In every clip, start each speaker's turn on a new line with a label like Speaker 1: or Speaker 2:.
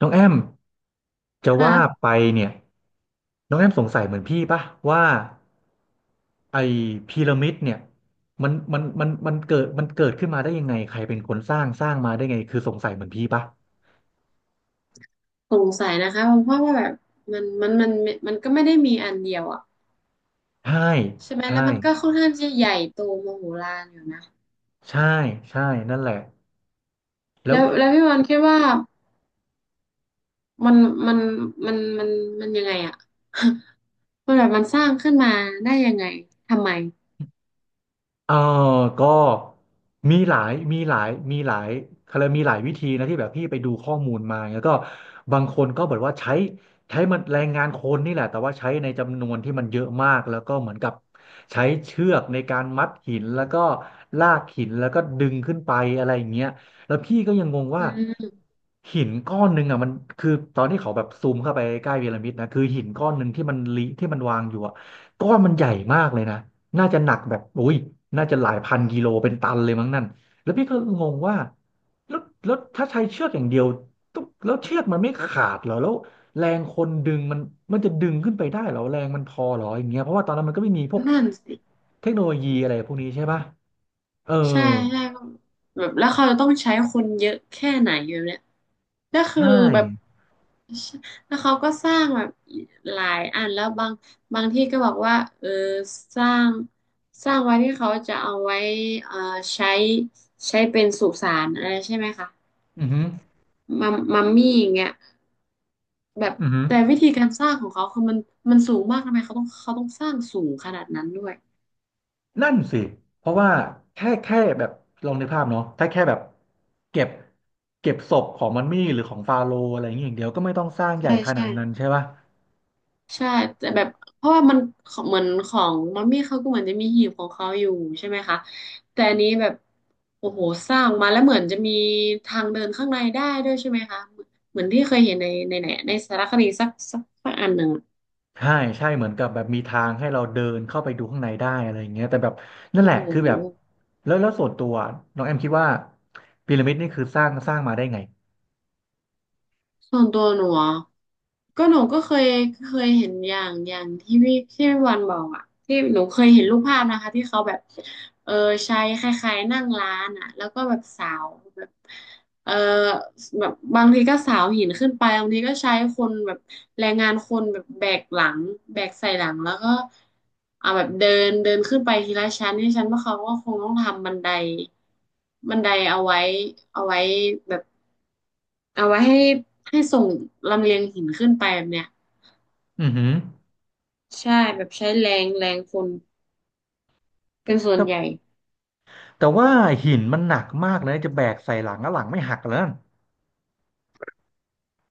Speaker 1: น้องแอมจะ
Speaker 2: ค
Speaker 1: ว่าไป
Speaker 2: ่ะ
Speaker 1: เนี่ยน้องแอมสงสัยเหมือนพี่ปะว่าไอ้พีระมิดเนี่ยมันเกิดขึ้นมาได้ยังไงใครเป็นคนสร้างสร้างมาได้ไงคือสงสัยเหมือนพี่ปะ
Speaker 2: สงสัยนะคะเพราะว่าแบบมันมันมันมันก็ไม่ได้มีอันเดียวอ่ะ
Speaker 1: ใช่
Speaker 2: ใช่ไหม
Speaker 1: ใช่
Speaker 2: แล้วมันก็ค่อนข้างที่จะใหญ่โตมโหฬารอยู่นะ
Speaker 1: ใช่ใช่นั่นแหละแล้ว
Speaker 2: แล้วพี่วันคิดว่ามันมันมันมันยังไงอ่ะ มันแบบมันสร้างขึ้นมาได้ยังไงทำไม
Speaker 1: เออก็มีหลายเขาเรยกมีหลายวิธีนะที่แบบพี่ไปดูข้อมูลมาแล้วก็บางคนก็แบอกว่าใช้มันแรงงานคนนี่แหละแต่ว่าใช้ในจำนวนที่มันเยอะมากแล้วก็เหมือนกับใช้เชือกในการมัดหินแล้วก็ลากหินแล้วก็ดึงขึ้นไปอะไรอย่างเงี้ยแล้วพี่ก็ยังงงว่า
Speaker 2: อืม
Speaker 1: หินก้อนหนึ่งอ่ะมันคือตอนที่เขาแบบซูมเข้าไปใกล้พีระมิดนะคือหินก้อนหนึ่งที่มันลิที่มันวางอยู่อ่ะก้อนมันใหญ่มากเลยนะ น่าจะหนักแบบอุ้ยน่าจะหลายพันกิโลเป็นตันเลยมั้งนั่นแล้วพี่ก็งงว่าแล้วถ้าใช้เชือกอย่างเดียวตุ๊บแล้วเชือกมันไม่ขาดเหรอแล้วแรงคนดึงมันมันจะดึงขึ้นไปได้เหรอแรงมันพอเหรออย่างเงี้ยเพราะว่าตอนนั้นมันก็ไม่มีพวก
Speaker 2: นั่นสิ
Speaker 1: เทคโนโลยีอะไรพวกนี้ใช่ปะเออ
Speaker 2: ใช่ใช่แบบแล้วเขาจะต้องใช้คนเยอะแค่ไหนอยู่เนี่ยก็คือ
Speaker 1: ใช่
Speaker 2: แบบแล้วเขาก็สร้างแบบหลายอันแล้วบางที่ก็บอกว่าเออสร้างสร้างไว้ที่เขาจะเอาไว้เอ่อใช้ใช้เป็นสุสานอะไรใช่ไหมคะ
Speaker 1: อือฮึ
Speaker 2: มัมมัมมี่อย่างเงี้ยแบบ
Speaker 1: อือฮึ
Speaker 2: แต่วิธีการสร้างของเขาคือมันมันสูงมากทำไมเขาต้องสร้างสูงขนาดนั้นด้วย
Speaker 1: นั่นสิเพราะว่าแค่แบบลองในกภาพเนาะถ้าแค่แบบเก็บเก็บศพของมันมี่หรือของฟาโรห์อะไรอย่างเงี้ยอย่างเดียวก็ไม่ต้องสร้างใหญ่
Speaker 2: ใช่
Speaker 1: ขนา
Speaker 2: ใช่
Speaker 1: ดนั้นใช่ปะ
Speaker 2: ใช่แต่แบบเพราะว่ามันของเหมือนของมัมมี่เขาก็เหมือนจะมีหีบของเขาอยู่ใช่ไหมคะแต่อันนี้แบบโอ้โหสร้างมาแล้วเหมือนจะมีทางเดินข้างในได้ด้วยใช่ไหมคะเหมือนที่เคยเห็นในไหนในสารคดีสักอันหนึ่งอะ
Speaker 1: ใช่ใช่เหมือนกับแบบมีทางให้เราเดินเข้าไปดูข้างในได้อะไรอย่างเงี้ยแต่แบบนั่น
Speaker 2: โอ้
Speaker 1: แหละ
Speaker 2: โห
Speaker 1: คือแบบแล้วส่วนตัวน้องแอมคิดว่าพีระมิดนี่คือสร้างสร้างมาได้ไง
Speaker 2: ส่วนตัวหนูอะ หนูก็เคยเห็นอย่างที่พี่วันบอกอ่ะที่หนูเคยเห็นรูปภาพนะคะที่เขาแบบเออใช้คล้ายๆนั่งร้านอ่ะแล้วก็แบบสาวแบบเออแบบบางทีก็สาวหินขึ้นไปบางทีก็ใช้คนแบบแรงงานคนแบบแบกหลังแบกใส่หลังแล้วก็เอาแบบเดินเดินขึ้นไปทีละชั้นที่ชั้นว่าเขาก็คงต้องทำบันไดเอาไว้แบบ เอาไว้ให้ให้ส่งลำเลียงหินขึ้นไปแบบเนี้ย
Speaker 1: อือหือ
Speaker 2: ใช่แบบใช้แรงแรงคนเป็นส่ว
Speaker 1: แต่
Speaker 2: นใหญ่
Speaker 1: แต่ว่าหินมันหนักมากเลยนะจะแบกใส่หลังแล้วหลังไม่หักแลย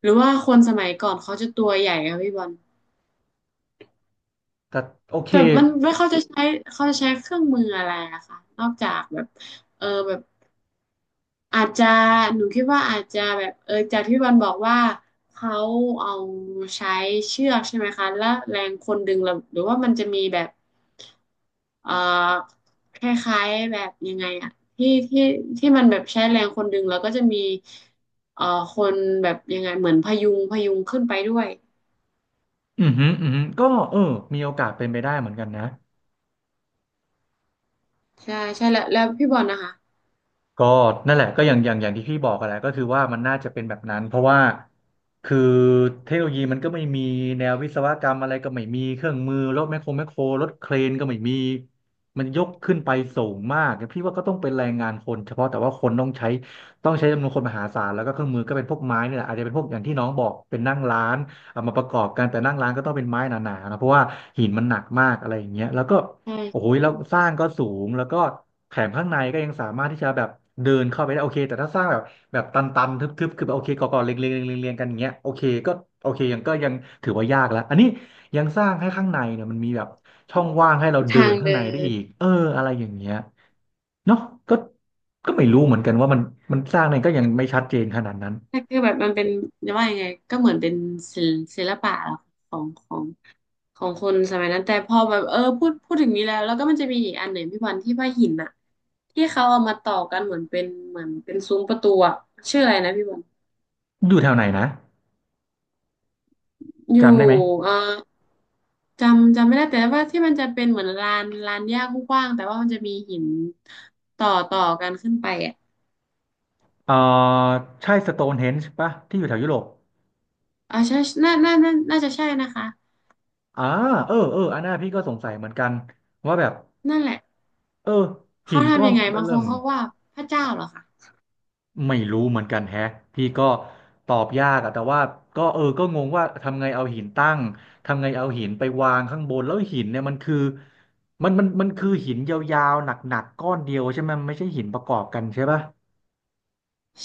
Speaker 2: หรือว่าคนสมัยก่อนเขาจะตัวใหญ่อะพี่บอล
Speaker 1: แต่โอเค
Speaker 2: แบบมันไม่เขาจะใช้เขาจะใช้เครื่องมืออะไรอะคะนอกจากแบบเออแบบอาจจะหนูคิดว่าอาจจะแบบเออจากที่พี่บอลบอกว่าเขาเอาใช้เชือกใช่ไหมคะแล้วแรงคนดึงเราหรือว่ามันจะมีแบบ เอ่อคล้ายๆแบบยังไงอะที่ที่มันแบบใช้แรงคนดึงแล้วก็จะมีเอ่อคนแบบยังไงเหมือนพยุงขึ้นไปด้วย
Speaker 1: อือหือก็เออมีโอกาสเป็นไปได้เหมือนกันนะ
Speaker 2: ใช่แล้วพี่บอลนะคะ
Speaker 1: ก็นั่นแหละก็อย่างที่พี่บอกกันแหละก็คือว่ามันน่าจะเป็นแบบนั้นเพราะว่าคือเทคโนโลยีมันก็ไม่มีแนววิศวกรรมอะไรก็ไม่มีเครื่องมือรถแมคโครรถเครนก็ไม่มีมันยกขึ้นไปสูงมากพี่ว่าก็ต้องเป็นแรงงานคนเฉพาะแต่ว่าคนต้องใช้จำนวนคนมหาศาลแล้วก็เครื่องมือก็เป็นพวกไม้นี่แหละอาจจะเป็นพวกอย่างที่น้องบอกเป็นนั่งร้านเอามาประกอบกันแต่นั่งร้านก็ต้องเป็นไม้หนาๆนะเพราะว่าหินมันหนักมากอะไรอย่างเงี้ยแล้วก็
Speaker 2: ใช่
Speaker 1: โอ้ย
Speaker 2: ใช่
Speaker 1: แล้วสร้างก็สูงแล้วก็แถมข้างในก็ยังสามารถที่จะแบบเดินเข้าไปได้โอเคแต่ถ้าสร้างแบบแบบตันๆทึบๆคือแบบโอเคก่อๆเรียงๆเรียงๆเรียงๆกันอย่างเงี้ยโอเคก็โอเคยังถือว่ายากแล้วอันนี้ยังสร้างให้ข้างในเนี่ยมันมีแบบช่องว่างให้เราเดิ
Speaker 2: ทา
Speaker 1: น
Speaker 2: ง
Speaker 1: ข้าง
Speaker 2: เดิ
Speaker 1: ในได้
Speaker 2: น
Speaker 1: อีกอะไรอย่างเงี้ยเนาะก็ก็ไม่รู้เหมือนกันว่ามันมันสร้างเนี่ยก็ยังไม่ชัดเจนขนาดนั้น
Speaker 2: แต่คือแบบมันเป็นจะว่ายังไงก็เหมือนเป็นศิลศิลปะของของคนสมัยนั้นแต่พอแบบเออพูดถึงนี้แล้วก็มันจะมีอีกอันหนึ่งพี่บอลที่ว่าหินอะที่เขาเอามาต่อกันเหมือนเป็นเหมือนเป็นซุ้มประตูอะชื่ออะไรนะพี่บอล
Speaker 1: อยู่แถวไหนนะ
Speaker 2: อ
Speaker 1: จำ
Speaker 2: ยู่
Speaker 1: ได้ไหม
Speaker 2: เอ่อจำไม่ได้แต่ว่าที่มันจะเป็นเหมือนลานหญ้ากว้างๆแต่ว่ามันจะมีหินต่อกันขึ้นไปอ่ะ
Speaker 1: เออใช่สโตนเฮนจ์ปะที่อยู่แถวยุโรป
Speaker 2: ออใช่น่าจะใช่นะคะ
Speaker 1: อ่าเอออันนั้นพี่ก็สงสัยเหมือนกันว่าแบบ
Speaker 2: นั่นแหละ
Speaker 1: เออหิ
Speaker 2: เขา
Speaker 1: นก้อ
Speaker 2: ทำยั
Speaker 1: น
Speaker 2: งไงบางค
Speaker 1: เริ่
Speaker 2: น
Speaker 1: ม
Speaker 2: เขาว่าพระเจ้าเหรอคะ
Speaker 1: ไม่รู้เหมือนกันแฮะพี่ก็ตอบยากอะแต่ว่าก็ก็งงว่าทำไงเอาหินตั้งทำไงเอาหินไปวางข้างบนแล้วหินเนี่ยมันคือมันคือหินยาวๆหนักๆก้อนเดียวใช่ไหมมันไม่ใช่หินประกอบกันใช่ปะ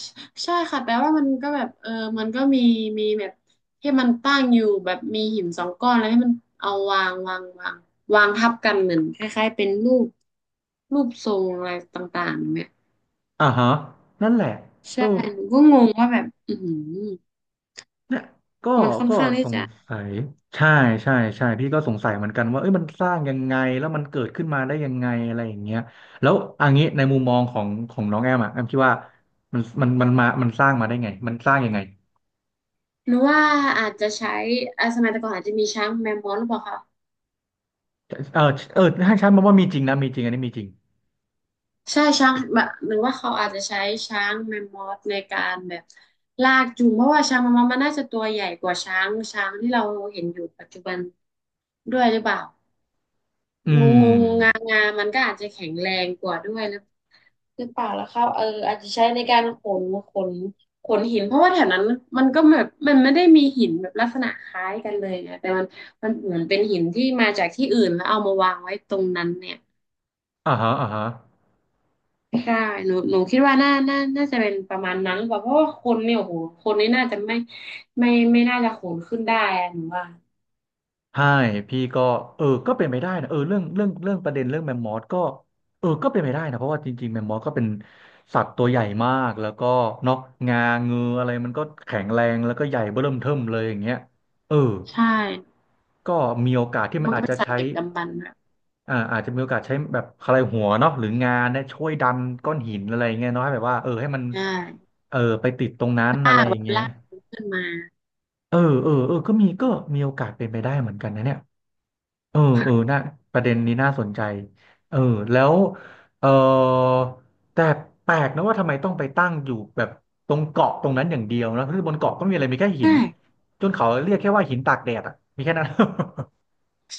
Speaker 2: ใช่ใช่ค่ะแต่ว่ามันก็แบบเออมันก็มีมีแบบที่มันตั้งอยู่แบบมีหินสองก้อนแล้วให้มันเอาวางวางทับกันเหมือนคล้ายๆเป็นรูปรูปทรงอะไรต่างๆเนี่ย
Speaker 1: อ่าฮะนั่นแหละเอ
Speaker 2: ใช่
Speaker 1: อ
Speaker 2: หนูก็งงว่าแบบอือหือ
Speaker 1: เนี่ยก็
Speaker 2: มันค่อน
Speaker 1: ก็
Speaker 2: ข้าง
Speaker 1: ส
Speaker 2: ที่
Speaker 1: ง
Speaker 2: จะ
Speaker 1: สัยใช่ใช่ใช่พี่ก็สงสัยเหมือนกันว่าเอ้ยมันสร้างยังไงแล้วมันเกิดขึ้นมาได้ยังไงอะไรอย่างเงี้ยแล้วอันนี้ในมุมมองของของน้องแอมอะแอมคิดว่ามันมันสร้างมาได้ไงมันสร้างยังไง
Speaker 2: หนูว่าอาจจะใช้อ่าสมัยแต่ก่อนอาจจะมีช้างแมมมอสหรือเปล่าคะ
Speaker 1: เออเออให้ฉันบอกว่ามีจริงนะมีจริงอันนี้มีจริง
Speaker 2: ใช่ช้างแบบหรือว่าเขาอาจจะใช้ช้างแมมมอสในการแบบลากจูงเพราะว่าช้างแมมมอสมันน่าจะตัวใหญ่กว่าช้างที่เราเห็นอยู่ปัจจุบันด้วยหรือเปล่า
Speaker 1: อื
Speaker 2: งู
Speaker 1: ม
Speaker 2: งูงางามันก็อาจจะแข็งแรงกว่าด้วย คือเปล่ากแล้วครับเอออาจจะใช้ในการขนขนหินเพราะว่าแถวนั้นมันก็แบบมันไม่ได้มีหินแบบลักษณะคล้ายกันเลยไงแต่มันมันเหมือนเป็นหินที่มาจากที่อื่นแล้วเอามาวางไว้ตรงนั้นเนี่ย
Speaker 1: อ่าฮะอ่าฮะ
Speaker 2: ใช่หนูคิดว่าน่าจะเป็นประมาณนั้นหรือเปล่าเพราะว่าคนเนี่ยโอ้โหคนนี่น่าจะไม่ไม่น่าจะขนขึ้นได้อะหนูว่า
Speaker 1: ใช่พี่ก็เออก็เป็นไปได้นะเออเรื่องประเด็นเรื่องแมมมอสก็เออก็เป็นไปได้นะเพราะว่าจริงๆแมมมอสก็เป็นสัตว์ตัวใหญ่มากแล้วก็เนาะงาเงืออะไรมันก็แข็งแรงแล้วก็ใหญ่เบ้อเริ่มเทิ่มเลยอย่างเงี้ยเออ
Speaker 2: ใช่
Speaker 1: ก็มีโอกาส
Speaker 2: แล้
Speaker 1: ที่
Speaker 2: ว
Speaker 1: มั
Speaker 2: มั
Speaker 1: น
Speaker 2: นก็
Speaker 1: อาจ
Speaker 2: เป็น
Speaker 1: จะ
Speaker 2: สัตว์
Speaker 1: ใช้
Speaker 2: ดึกดำบรรพ์อะ
Speaker 1: อ่าอาจจะมีโอกาสใช้แบบอะไรหัวเนาะหรืองาเนี่ยช่วยดันก้อนหินอะไรอย่างเงี้ยเนาะให้แบบว่าเออให้มัน
Speaker 2: ใช่
Speaker 1: เออไปติดตรงนั้นอะ
Speaker 2: ลา
Speaker 1: ไร
Speaker 2: ก
Speaker 1: อ
Speaker 2: แบ
Speaker 1: ย่าง
Speaker 2: บ
Speaker 1: เงี้ย
Speaker 2: ลากขึ้นมา
Speaker 1: เออเออก็มีมีโอกาสเป็นไปได้เหมือนกันนะเนี่ย เออเออน่าประเด็นนี้น่าสนใจเออแล้วเออแต่แปลกนะว่าทำไมต้องไปตั้งอยู่แบบตรงเกาะตรงนั้นอย่างเดียวนะคือบนเกาะก็ไม่มีอะไรมีแค่หิน
Speaker 2: ใช่
Speaker 1: จนเขาเรียกแค่ว่าหินตากแดดอ่ะมีแค่นั้น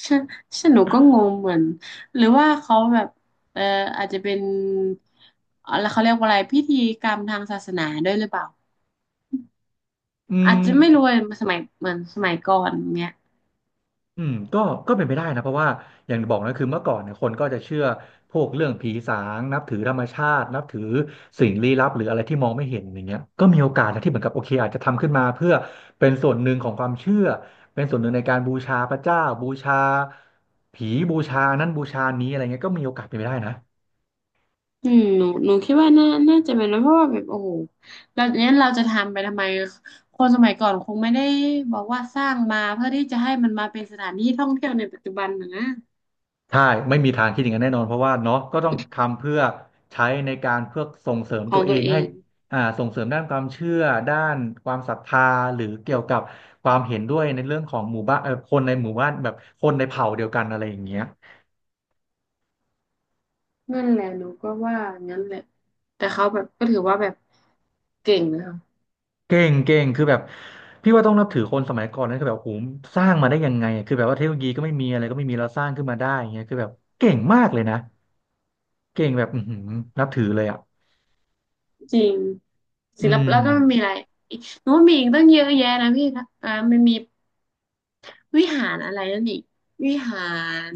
Speaker 2: ฉันฉันหนูก็งงเหมือน หรือว่าเขาแบบเอออาจจะเป็นอะไรเขาเรียกว่าอะไรพิธีกรรมทางศาสนาด้วยหรือเปล่า
Speaker 1: อื
Speaker 2: อาจ
Speaker 1: ม
Speaker 2: จะไม่รู้เลยสมัยเหมือนสมัยก่อนเนี้ย
Speaker 1: อืมก็เป็นไปได้นะเพราะว่าอย่างบอกนะคือเมื่อก่อนเนี่ยคนก็จะเชื่อพวกเรื่องผีสางนับถือธรรมชาตินับถือสิ่งลี้ลับหรืออะไรที่มองไม่เห็นอย่างเงี้ยก็มีโอกาสนะที่เหมือนกับโอเคอาจจะทำขึ้นมาเพื่อเป็นส่วนหนึ่งของความเชื่อเป็นส่วนหนึ่งในการบูชาพระเจ้าบูชาผีบูชานั้นบูชานี้อะไรเงี้ยก็มีโอกาสเป็นไปได้นะ
Speaker 2: อืมหนูคิดว่าน่าจะเป็นนะเพราะว่าแบบโอ้โหเราเนี้ยเราจะทำไปทำไมคนสมัยก่อนคงไม่ได้บอกว่าสร้างมาเพื่อที่จะให้มันมาเป็นสถานที่ท่องเที่ยวในปัจจุบันนะนะ
Speaker 1: ใช่ไม่มีทางคิดอย่างนั้นแน่นอนเพราะว่าเนาะก็ต้องทำเพื่อใช้ในการเพื่อส่งเสริม
Speaker 2: ข
Speaker 1: ตั
Speaker 2: อง
Speaker 1: วเอ
Speaker 2: ตัว
Speaker 1: ง
Speaker 2: เอ
Speaker 1: ให้
Speaker 2: ง
Speaker 1: อ่าส่งเสริมด้านความเชื่อด้านความศรัทธาหรือเกี่ยวกับความเห็นด้วยในเรื่องของหมู่บ้านคนในหมู่บ้านแบบคนในเผ่าเดียวกันอะไรอย่างเงี้ย
Speaker 2: นั่นแหละหนูก็ว่างั้นแหละแต่เขาแบบก็ถือว่าแบบเก่งนะคะ
Speaker 1: เก่งคือแบบพี่ว่าต้องนับถือคนสมัยก่อนนะคือแบบโอ้โหสร้างมาได้ยังไงอะคือแบบว่าเทคโนโลยีก็ไม่มีอะไรก็ไม่มีเราสร้างขึ้นมาได้อย่างเงี้ยคือแบบเก่งมากเลยนะเก่งแบบอือหือนับถือเลยอ่ะ
Speaker 2: จริง
Speaker 1: อื
Speaker 2: ศิลปแล้ว
Speaker 1: ม
Speaker 2: ก็มันมีอะไรอีกโน้นมีอีกตั้งเยอะแยะนะพี่นะับอามันมีวิหารอะไรนั่นอีกวิหาร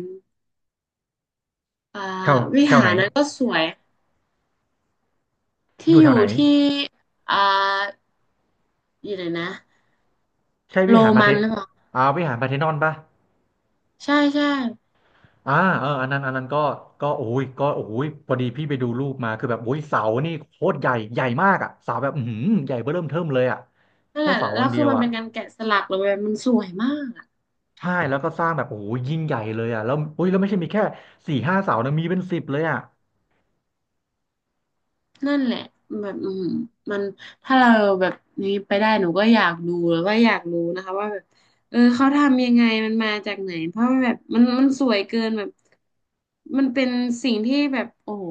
Speaker 2: อ่า
Speaker 1: แถว
Speaker 2: วิ
Speaker 1: แถว
Speaker 2: หา
Speaker 1: ไหน
Speaker 2: รนั้นก็สวย
Speaker 1: อ
Speaker 2: ที่
Speaker 1: ยู่
Speaker 2: อ
Speaker 1: แถ
Speaker 2: ยู่
Speaker 1: วไหน
Speaker 2: ที่อ่าอยู่ไหนนะ
Speaker 1: ใช่
Speaker 2: โร
Speaker 1: วิหารพระ
Speaker 2: มั
Speaker 1: เท
Speaker 2: นหรือเปล่า
Speaker 1: อ่าวิหารพาร์เธนอนป่ะ
Speaker 2: ใช่
Speaker 1: อ่าเอออันนั้นก็ก็โอ้ยพอดีพี่ไปดูรูปมาคือแบบโอ้ยเสานี่โคตรใหญ่ ใหญ่มากอ่ะเสาแบบอือหือใหญ่เบ้อเริ่มเทิ่มเลยอ่ะ
Speaker 2: นั่น
Speaker 1: แค่
Speaker 2: แหละ
Speaker 1: เสา
Speaker 2: แล้
Speaker 1: อย่า
Speaker 2: ว
Speaker 1: งเดี
Speaker 2: คื
Speaker 1: ย
Speaker 2: อ
Speaker 1: ว
Speaker 2: มัน
Speaker 1: อ่ะ
Speaker 2: เป็นการแกะสลักเลยมันสวยมาก
Speaker 1: ใช่แล้วก็สร้างแบบโอ้ยยิ่งใหญ่เลยอ่ะแล้วโอ้ยแล้วไม่ใช่มีแค่สี่ห้าเสานะมีเป็นสิบเลยอ่ะ
Speaker 2: นั่นแหละแบบอืมมันถ้าเราแบบนี้ไปได้หนูก็อยากดูแล้วก็อยากรู้นะคะว่าแบบเออเขาทำยังไงมันมาจากไหนเพราะว่าแบบมันมันสวยเกินแบบมันเป็นสิ่งที่แบบโอ้โห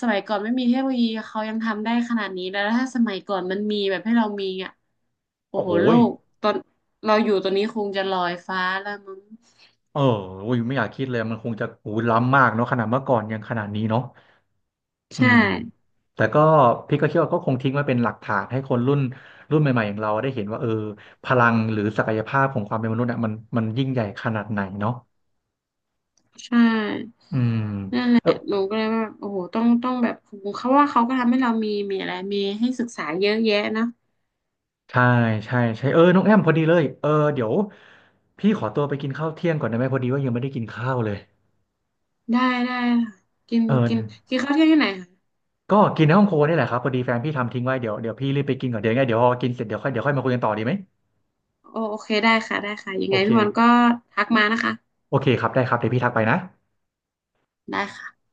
Speaker 2: สมัยก่อนไม่มีเทคโนโลยีเขายังทำได้ขนาดนี้แล้วถ้าสมัยก่อนมันมีแบบให้เรามีอ่ะโอ้
Speaker 1: โอ้
Speaker 2: โห
Speaker 1: โห
Speaker 2: โล
Speaker 1: ย
Speaker 2: กตอนเราอยู่ตอนนี้คงจะลอยฟ้าแล้วมั้ง
Speaker 1: เออโอ้ยไม่อยากคิดเลย มันคงจะโอ้ยล้ำมากเนาะขนาดเมื่อก่อนยังขนาดนี้เนาะ อื
Speaker 2: ใช่
Speaker 1: มแต่ก็พี่ก็คิดว่าก็คงทิ้งไว้เป็นหลักฐานให้คนรุ่นใหม่ๆอย่างเราได้เห็นว่าเออพลังหรือศักยภาพของความเป็นมนุษย์อ่ะมันยิ่งใหญ่ขนาดไหนเนาะ
Speaker 2: ใช่
Speaker 1: อืมเออ
Speaker 2: หนูก็เลยว่าโอ้โหต้องแบบเขาว่าเขาก็ทำให้เรามีมีอะไรมีให้ศึกษาเยอะแยะเนาะ
Speaker 1: ใช่ใช่ใช่เออน้องแอมพอดีเลยเออเดี๋ยวพี่ขอตัวไปกินข้าวเที่ยงก่อนได้ไหมพอดีว่ายังไม่ได้กินข้าวเลย
Speaker 2: ได้ได้ค่ะกิน
Speaker 1: เออ
Speaker 2: กินกินข้าวเที่ยงที่ไหนคะ
Speaker 1: ก็กินในห้องครัวนี่แหละครับพอดีแฟนพี่ทำทิ้งไว้เดี๋ยวพี่รีบไปกินก่อนเดี๋ยวยังไงเดี๋ยวพอกินเสร็จเดี๋ยวค่อยมาคุยกันต่อดีไหม
Speaker 2: โอโอเคได้ค่ะยัง
Speaker 1: โอ
Speaker 2: ไง
Speaker 1: เค
Speaker 2: พี่วันก็ทักมานะคะ
Speaker 1: โอเคครับได้ครับเดี๋ยวพี่ทักไปนะ
Speaker 2: ได้ค่ะ